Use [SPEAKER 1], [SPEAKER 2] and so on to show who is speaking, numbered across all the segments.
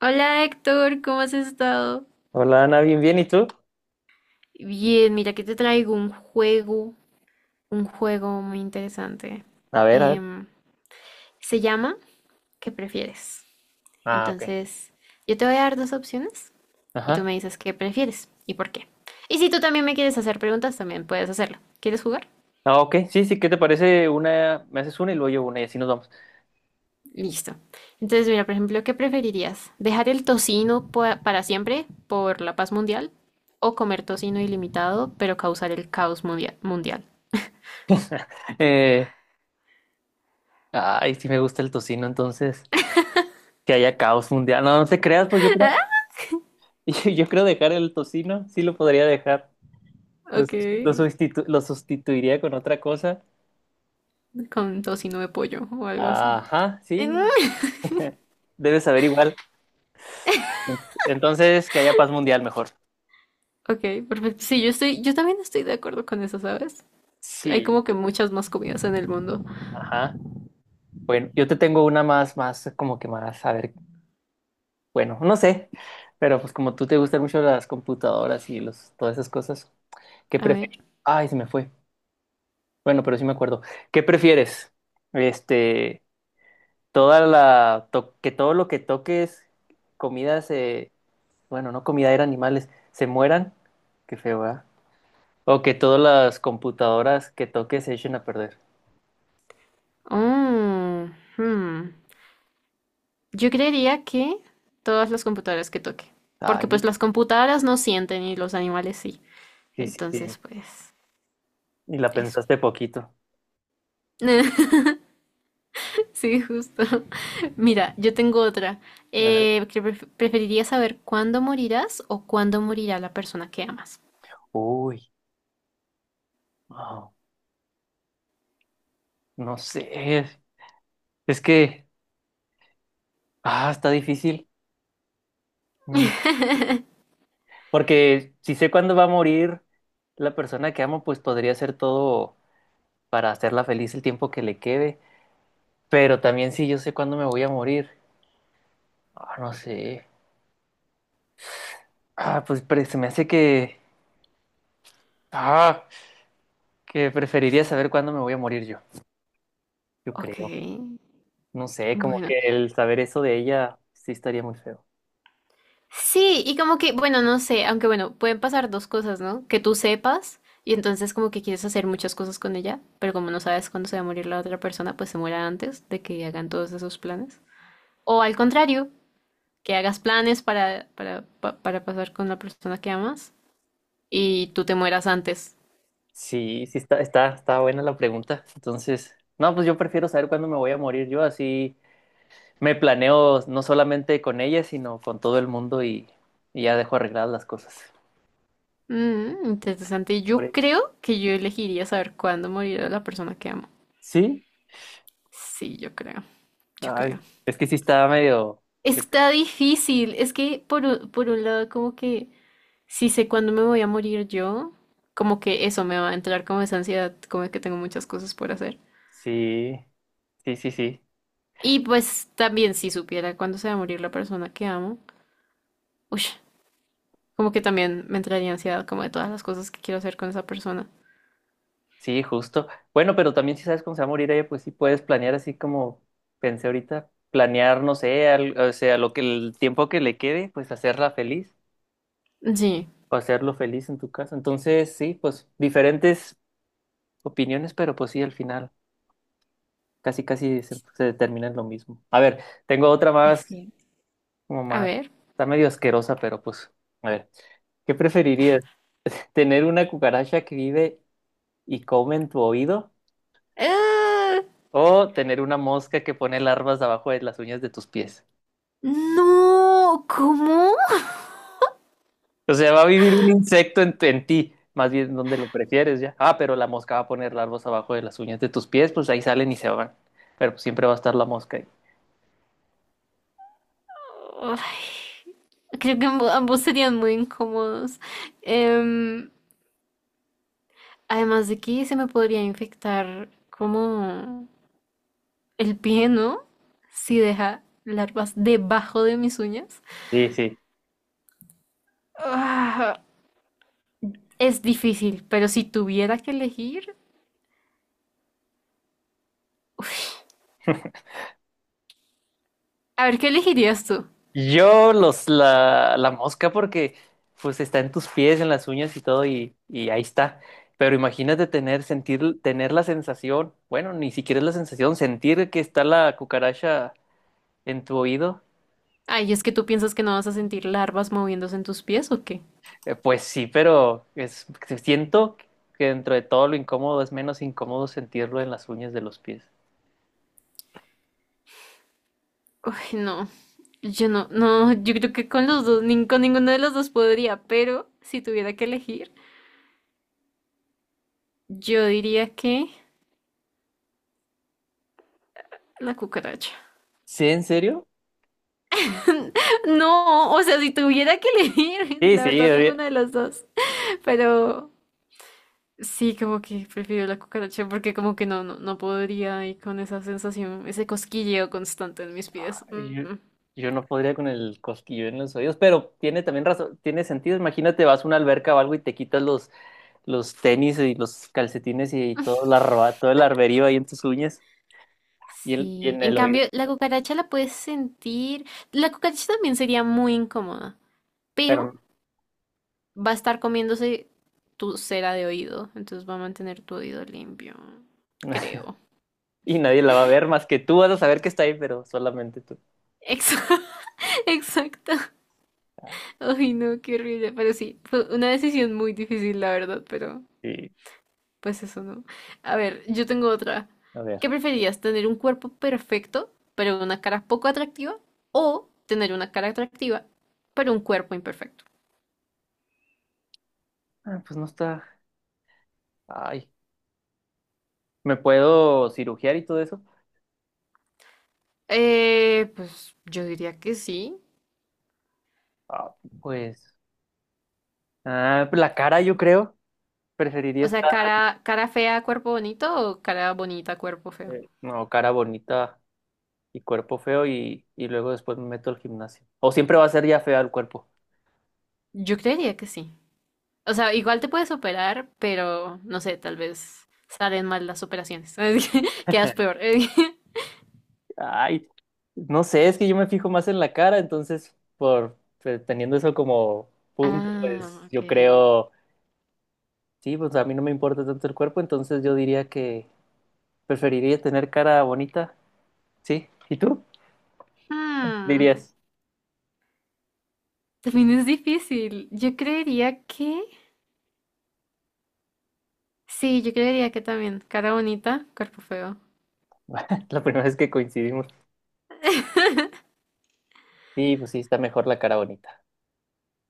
[SPEAKER 1] Hola Héctor, ¿cómo has estado?
[SPEAKER 2] Hola Ana, bien, bien, ¿y tú?
[SPEAKER 1] Bien, mira que te traigo un juego muy interesante.
[SPEAKER 2] A ver, a ver.
[SPEAKER 1] Em, se llama ¿Qué prefieres?
[SPEAKER 2] Ah, ok.
[SPEAKER 1] Entonces, yo te voy a dar dos opciones y tú
[SPEAKER 2] Ajá.
[SPEAKER 1] me dices qué prefieres y por qué. Y si tú también me quieres hacer preguntas, también puedes hacerlo. ¿Quieres jugar?
[SPEAKER 2] Ah, ok, sí, sí, ¿qué te parece? Una, me haces una y luego yo una y así nos vamos.
[SPEAKER 1] Listo. Entonces, mira, por ejemplo, ¿qué preferirías? ¿Dejar el tocino para siempre por la paz mundial o comer tocino ilimitado pero causar el caos mundial?
[SPEAKER 2] Eh, ay, sí me gusta el tocino, entonces, que haya caos mundial. No, no te creas, pues yo creo, yo creo dejar el tocino, sí lo podría dejar. Lo,
[SPEAKER 1] Ok,
[SPEAKER 2] lo sustituiría con otra cosa.
[SPEAKER 1] con tocino de pollo o algo así.
[SPEAKER 2] Ajá, sí.
[SPEAKER 1] Mm.
[SPEAKER 2] Debes saber igual. Entonces, que haya paz mundial mejor.
[SPEAKER 1] Ok, perfecto. Sí, yo también estoy de acuerdo con eso, ¿sabes? Hay como
[SPEAKER 2] Sí.
[SPEAKER 1] que muchas más comidas en el mundo.
[SPEAKER 2] Ajá. Bueno, yo te tengo una más, más, como que más, a ver. Bueno, no sé, pero pues como tú te gustan mucho las computadoras y los, todas esas cosas, ¿qué
[SPEAKER 1] A ver.
[SPEAKER 2] prefieres? Ay, se me fue. Bueno, pero sí me acuerdo. ¿Qué prefieres? Este, toda la que todo lo que toques, comidas, se, bueno, no comida, eran animales, se mueran. Qué feo, ¿verdad? O que todas las computadoras que toques se echen a perder.
[SPEAKER 1] Oh, hmm. Yo creería que todas las computadoras que toque.
[SPEAKER 2] Ay,
[SPEAKER 1] Porque pues las computadoras no sienten y los animales sí.
[SPEAKER 2] sí, sí,
[SPEAKER 1] Entonces,
[SPEAKER 2] sí.
[SPEAKER 1] pues,
[SPEAKER 2] Y la
[SPEAKER 1] eso.
[SPEAKER 2] pensaste poquito.
[SPEAKER 1] Sí, justo. Mira, yo tengo otra.
[SPEAKER 2] A ver.
[SPEAKER 1] ¿Preferirías saber cuándo morirás o cuándo morirá la persona que amas?
[SPEAKER 2] Uy, wow, no sé. Es que, ah, está difícil. Mm, Porque si sé cuándo va a morir la persona que amo, pues podría hacer todo para hacerla feliz el tiempo que le quede. Pero también si yo sé cuándo me voy a morir. Ah, no sé. Ah, se me hace que... Ah, que preferiría saber cuándo me voy a morir yo. Yo
[SPEAKER 1] Ok,
[SPEAKER 2] creo. No sé, como
[SPEAKER 1] bueno.
[SPEAKER 2] que el saber eso de ella sí estaría muy feo.
[SPEAKER 1] Sí, y como que, bueno, no sé, aunque bueno, pueden pasar dos cosas, ¿no? Que tú sepas y entonces como que quieres hacer muchas cosas con ella, pero como no sabes cuándo se va a morir la otra persona, pues se muera antes de que hagan todos esos planes. O al contrario, que hagas planes para pasar con la persona que amas y tú te mueras antes.
[SPEAKER 2] Sí, sí está, está, está buena la pregunta. Entonces, no, pues yo prefiero saber cuándo me voy a morir yo así. Me planeo no solamente con ella, sino con todo el mundo y ya dejo arregladas las cosas.
[SPEAKER 1] Mm, interesante.
[SPEAKER 2] Por-
[SPEAKER 1] Yo
[SPEAKER 2] e-,
[SPEAKER 1] creo que yo elegiría saber cuándo morirá la persona que amo.
[SPEAKER 2] Sí,
[SPEAKER 1] Sí, yo creo, yo creo.
[SPEAKER 2] ay, es que sí está medio... de-
[SPEAKER 1] Está difícil. Es que por un lado, como que si sé cuándo me voy a morir yo, como que eso me va a entrar como esa ansiedad, como que tengo muchas cosas por hacer.
[SPEAKER 2] Sí, sí, sí, sí,
[SPEAKER 1] Y pues también si supiera cuándo se va a morir la persona que amo, uy, como que también me entraría ansiedad como de todas las cosas que quiero hacer con esa persona.
[SPEAKER 2] sí, justo. Bueno, pero también si sabes cómo se va a morir ella, pues sí puedes planear así como pensé ahorita, planear, no sé, o sea, lo que el tiempo que le quede, pues hacerla feliz
[SPEAKER 1] Sí,
[SPEAKER 2] o hacerlo feliz en tu casa. Entonces, sí, pues diferentes opiniones, pero pues sí, al final. Casi, casi se, se determina lo mismo. A ver, tengo otra
[SPEAKER 1] es
[SPEAKER 2] más,
[SPEAKER 1] cierto.
[SPEAKER 2] como
[SPEAKER 1] A
[SPEAKER 2] más,
[SPEAKER 1] ver.
[SPEAKER 2] está medio asquerosa, pero pues, a ver, ¿qué preferirías? ¿Tener una cucaracha que vive y come en tu oído?
[SPEAKER 1] ¡Ah!
[SPEAKER 2] ¿O tener una mosca que pone larvas abajo de las uñas de tus pies?
[SPEAKER 1] No, ¿cómo?
[SPEAKER 2] O sea, va a vivir un insecto en, en ti, más bien donde lo prefieres ya. Ah, pero la mosca va a poner larvas abajo de las uñas de tus pies, pues ahí salen y se van. Pero pues, siempre va a estar la mosca ahí.
[SPEAKER 1] Ay, creo que ambos serían muy incómodos. Em, Además de que se me podría infectar como el pie, ¿no? Si deja larvas debajo de mis uñas.
[SPEAKER 2] Sí, sí.
[SPEAKER 1] Ah, es difícil, pero si tuviera que elegir... A ver, ¿qué elegirías tú?
[SPEAKER 2] Yo los la, la mosca porque pues está en tus pies, en las uñas y todo y ahí está. Pero imagínate tener, sentir, tener la sensación, bueno, ni siquiera es la sensación, sentir que está la cucaracha en tu oído.
[SPEAKER 1] Ay, ¿es que tú piensas que no vas a sentir larvas moviéndose en tus pies o qué?
[SPEAKER 2] Pues sí, pero es, siento que dentro de todo lo incómodo es menos incómodo sentirlo en las uñas de los pies.
[SPEAKER 1] Uy, no. Yo no, no, yo creo que con los dos, con ninguno de los dos podría, pero si tuviera que elegir, yo diría que la cucaracha.
[SPEAKER 2] ¿Sí, en serio?
[SPEAKER 1] No, o sea, si tuviera que elegir,
[SPEAKER 2] Sí,
[SPEAKER 1] la
[SPEAKER 2] sí,
[SPEAKER 1] verdad, ninguna de las dos. Pero sí, como que prefiero la cucaracha porque como que no, no, no podría ir con esa sensación, ese cosquilleo constante en mis pies.
[SPEAKER 2] yo,
[SPEAKER 1] Mm.
[SPEAKER 2] yo no podría con el cosquillo en los oídos, pero tiene también razón, tiene sentido. Imagínate, vas a una alberca o algo y te quitas los tenis y los calcetines y todo, la roba, todo el arberío ahí en tus uñas y, y
[SPEAKER 1] Sí,
[SPEAKER 2] en
[SPEAKER 1] en
[SPEAKER 2] el oído,
[SPEAKER 1] cambio, la cucaracha la puedes sentir. La cucaracha también sería muy incómoda, pero
[SPEAKER 2] pero
[SPEAKER 1] va a estar comiéndose tu cera de oído, entonces va a mantener tu oído limpio, creo.
[SPEAKER 2] y nadie la va a ver más que tú vas a saber que está ahí, pero solamente tú.
[SPEAKER 1] Exa- Exacto.
[SPEAKER 2] Ah,
[SPEAKER 1] Ay, no, qué horrible. Pero sí, fue una decisión muy difícil, la verdad, pero
[SPEAKER 2] sí,
[SPEAKER 1] pues eso no. A ver, yo tengo otra.
[SPEAKER 2] a ver.
[SPEAKER 1] ¿Qué preferías, tener un cuerpo perfecto, pero una cara poco atractiva? ¿O tener una cara atractiva, pero un cuerpo imperfecto?
[SPEAKER 2] Ah, pues no está. Ay, ¿me puedo cirugiar y todo eso?
[SPEAKER 1] Pues yo diría que sí.
[SPEAKER 2] Ah, pues, ah, pues la cara yo creo, preferiría
[SPEAKER 1] O sea,
[SPEAKER 2] estar,
[SPEAKER 1] cara, cara fea, cuerpo bonito o cara bonita, cuerpo feo.
[SPEAKER 2] no, cara bonita y cuerpo feo y luego después me meto al gimnasio. O siempre va a ser ya fea el cuerpo.
[SPEAKER 1] Yo creería que sí. O sea, igual te puedes operar, pero no sé, tal vez salen mal las operaciones. Quedas peor.
[SPEAKER 2] Ay, no sé, es que yo me fijo más en la cara, entonces, por pues, teniendo eso como punto,
[SPEAKER 1] Ah,
[SPEAKER 2] pues
[SPEAKER 1] ok.
[SPEAKER 2] yo creo, sí, pues a mí no me importa tanto el cuerpo, entonces yo diría que preferiría tener cara bonita, sí. ¿Y tú?
[SPEAKER 1] Hmm,
[SPEAKER 2] Dirías,
[SPEAKER 1] también es difícil. Yo creería que... Sí, yo creería que también. Cara bonita, cuerpo feo.
[SPEAKER 2] la primera vez que coincidimos, sí, pues sí, está mejor la cara bonita.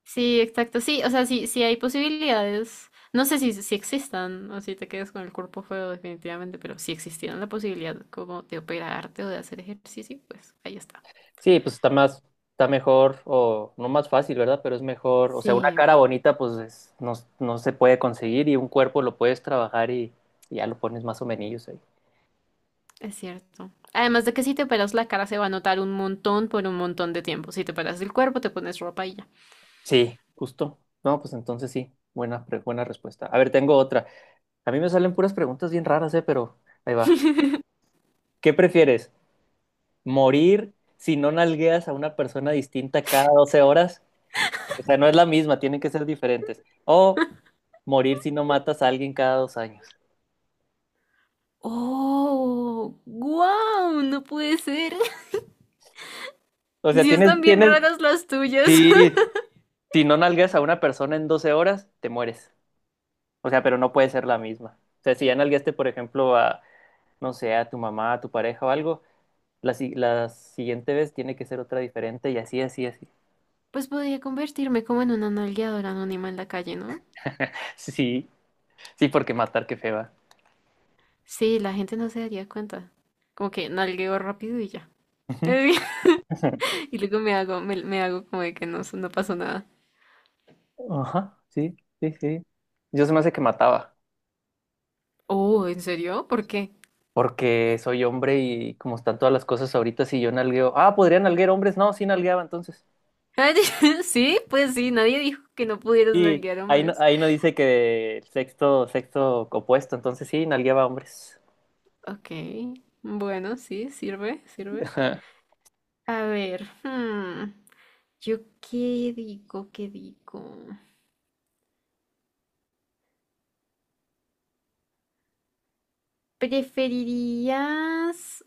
[SPEAKER 1] Sí, exacto. Sí, o sea, sí, sí hay posibilidades. No sé si existan o si te quedas con el cuerpo feo definitivamente, pero si existiera la posibilidad como de operarte o de hacer ejercicio, pues ahí está.
[SPEAKER 2] Sí, pues está más, está mejor, o no más fácil, ¿verdad? Pero es mejor, o sea, una
[SPEAKER 1] Sí,
[SPEAKER 2] cara bonita, no, no se puede conseguir y un cuerpo lo puedes trabajar y ya lo pones más o menos ahí.
[SPEAKER 1] es cierto. Además de que si te operas la cara se va a notar un montón por un montón de tiempo. Si te operas el cuerpo, te pones ropa y ya.
[SPEAKER 2] Sí, justo. No, pues entonces sí, buena respuesta. A ver, tengo otra. A mí me salen puras preguntas bien raras, pero ahí va. ¿Qué prefieres? ¿Morir si no nalgueas a una persona distinta cada 12 horas? O sea, no es la misma, tienen que ser diferentes. O morir si no matas a alguien cada 2 años.
[SPEAKER 1] Oh, wow, no puede ser.
[SPEAKER 2] O sea,
[SPEAKER 1] Sí están
[SPEAKER 2] tienes,
[SPEAKER 1] bien
[SPEAKER 2] tienes,
[SPEAKER 1] raras las tuyas.
[SPEAKER 2] sí, si no nalgueas a una persona en 12 horas, te mueres. O sea, pero no puede ser la misma. O sea, si ya nalgueaste, por ejemplo, a, no sé, a tu mamá, a tu pareja o algo. La, la siguiente vez tiene que ser otra diferente y así, así, así.
[SPEAKER 1] Pues podría convertirme como en una nalgueadora anónima en la calle, ¿no?
[SPEAKER 2] Sí, sí, porque matar, qué feba.
[SPEAKER 1] Sí, la gente no se daría cuenta. Como que nalgueo rápido y ya. Y luego me hago como de que no, no pasó nada.
[SPEAKER 2] Ajá, sí, sí, sí. Yo se me hace que mataba,
[SPEAKER 1] Oh, ¿en serio? ¿Por qué?
[SPEAKER 2] porque soy hombre y como están todas las cosas ahorita, si yo nalgueo, ah, podrían nalguear hombres, no, sí nalgueaba entonces.
[SPEAKER 1] Sí, pues sí, nadie dijo que no pudieras
[SPEAKER 2] Sí,
[SPEAKER 1] nalguear hombres.
[SPEAKER 2] ahí no dice que el sexto, sexto opuesto, entonces sí, nalgueaba hombres.
[SPEAKER 1] Ok, bueno, sí, sirve, sirve.
[SPEAKER 2] Ajá.
[SPEAKER 1] A ver, hmm. Yo qué digo, qué digo. ¿Preferirías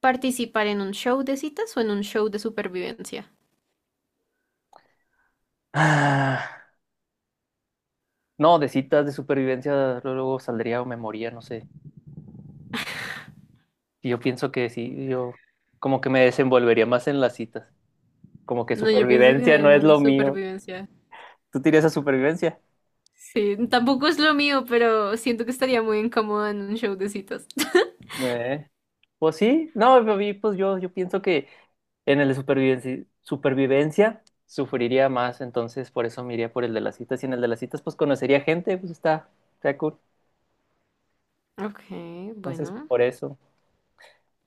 [SPEAKER 1] participar en un show de citas o en un show de supervivencia?
[SPEAKER 2] Ah, no, de citas. De supervivencia luego luego saldría o me moría, no sé. Y yo pienso que sí, yo como que me desenvolvería más en las citas. Como que
[SPEAKER 1] No, yo pienso que
[SPEAKER 2] supervivencia
[SPEAKER 1] de
[SPEAKER 2] no es
[SPEAKER 1] uno de
[SPEAKER 2] lo mío.
[SPEAKER 1] supervivencia.
[SPEAKER 2] ¿Tú tienes a supervivencia?
[SPEAKER 1] Sí, tampoco es lo mío, pero siento que estaría muy incómoda en un show de citas.
[SPEAKER 2] Eh, Pues sí, no, a mí, pues yo pienso que en el de supervivencia, supervivencia sufriría más, entonces por eso me iría por el de las citas. Y en el de las citas, pues conocería gente, pues está, está cool.
[SPEAKER 1] Ok,
[SPEAKER 2] Entonces,
[SPEAKER 1] bueno.
[SPEAKER 2] por eso,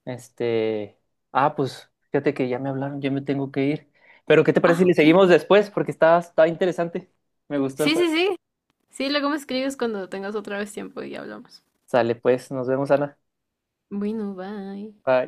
[SPEAKER 2] este. Ah, pues fíjate que ya me hablaron, yo me tengo que ir. Pero, ¿qué te parece
[SPEAKER 1] Ah,
[SPEAKER 2] si le
[SPEAKER 1] ok.
[SPEAKER 2] seguimos después? Porque está, está interesante. Me gustó el
[SPEAKER 1] Sí, sí,
[SPEAKER 2] juego.
[SPEAKER 1] sí. Sí, luego me escribes cuando tengas otra vez tiempo y hablamos.
[SPEAKER 2] Sale pues, nos vemos, Ana.
[SPEAKER 1] Bueno, bye.
[SPEAKER 2] Bye.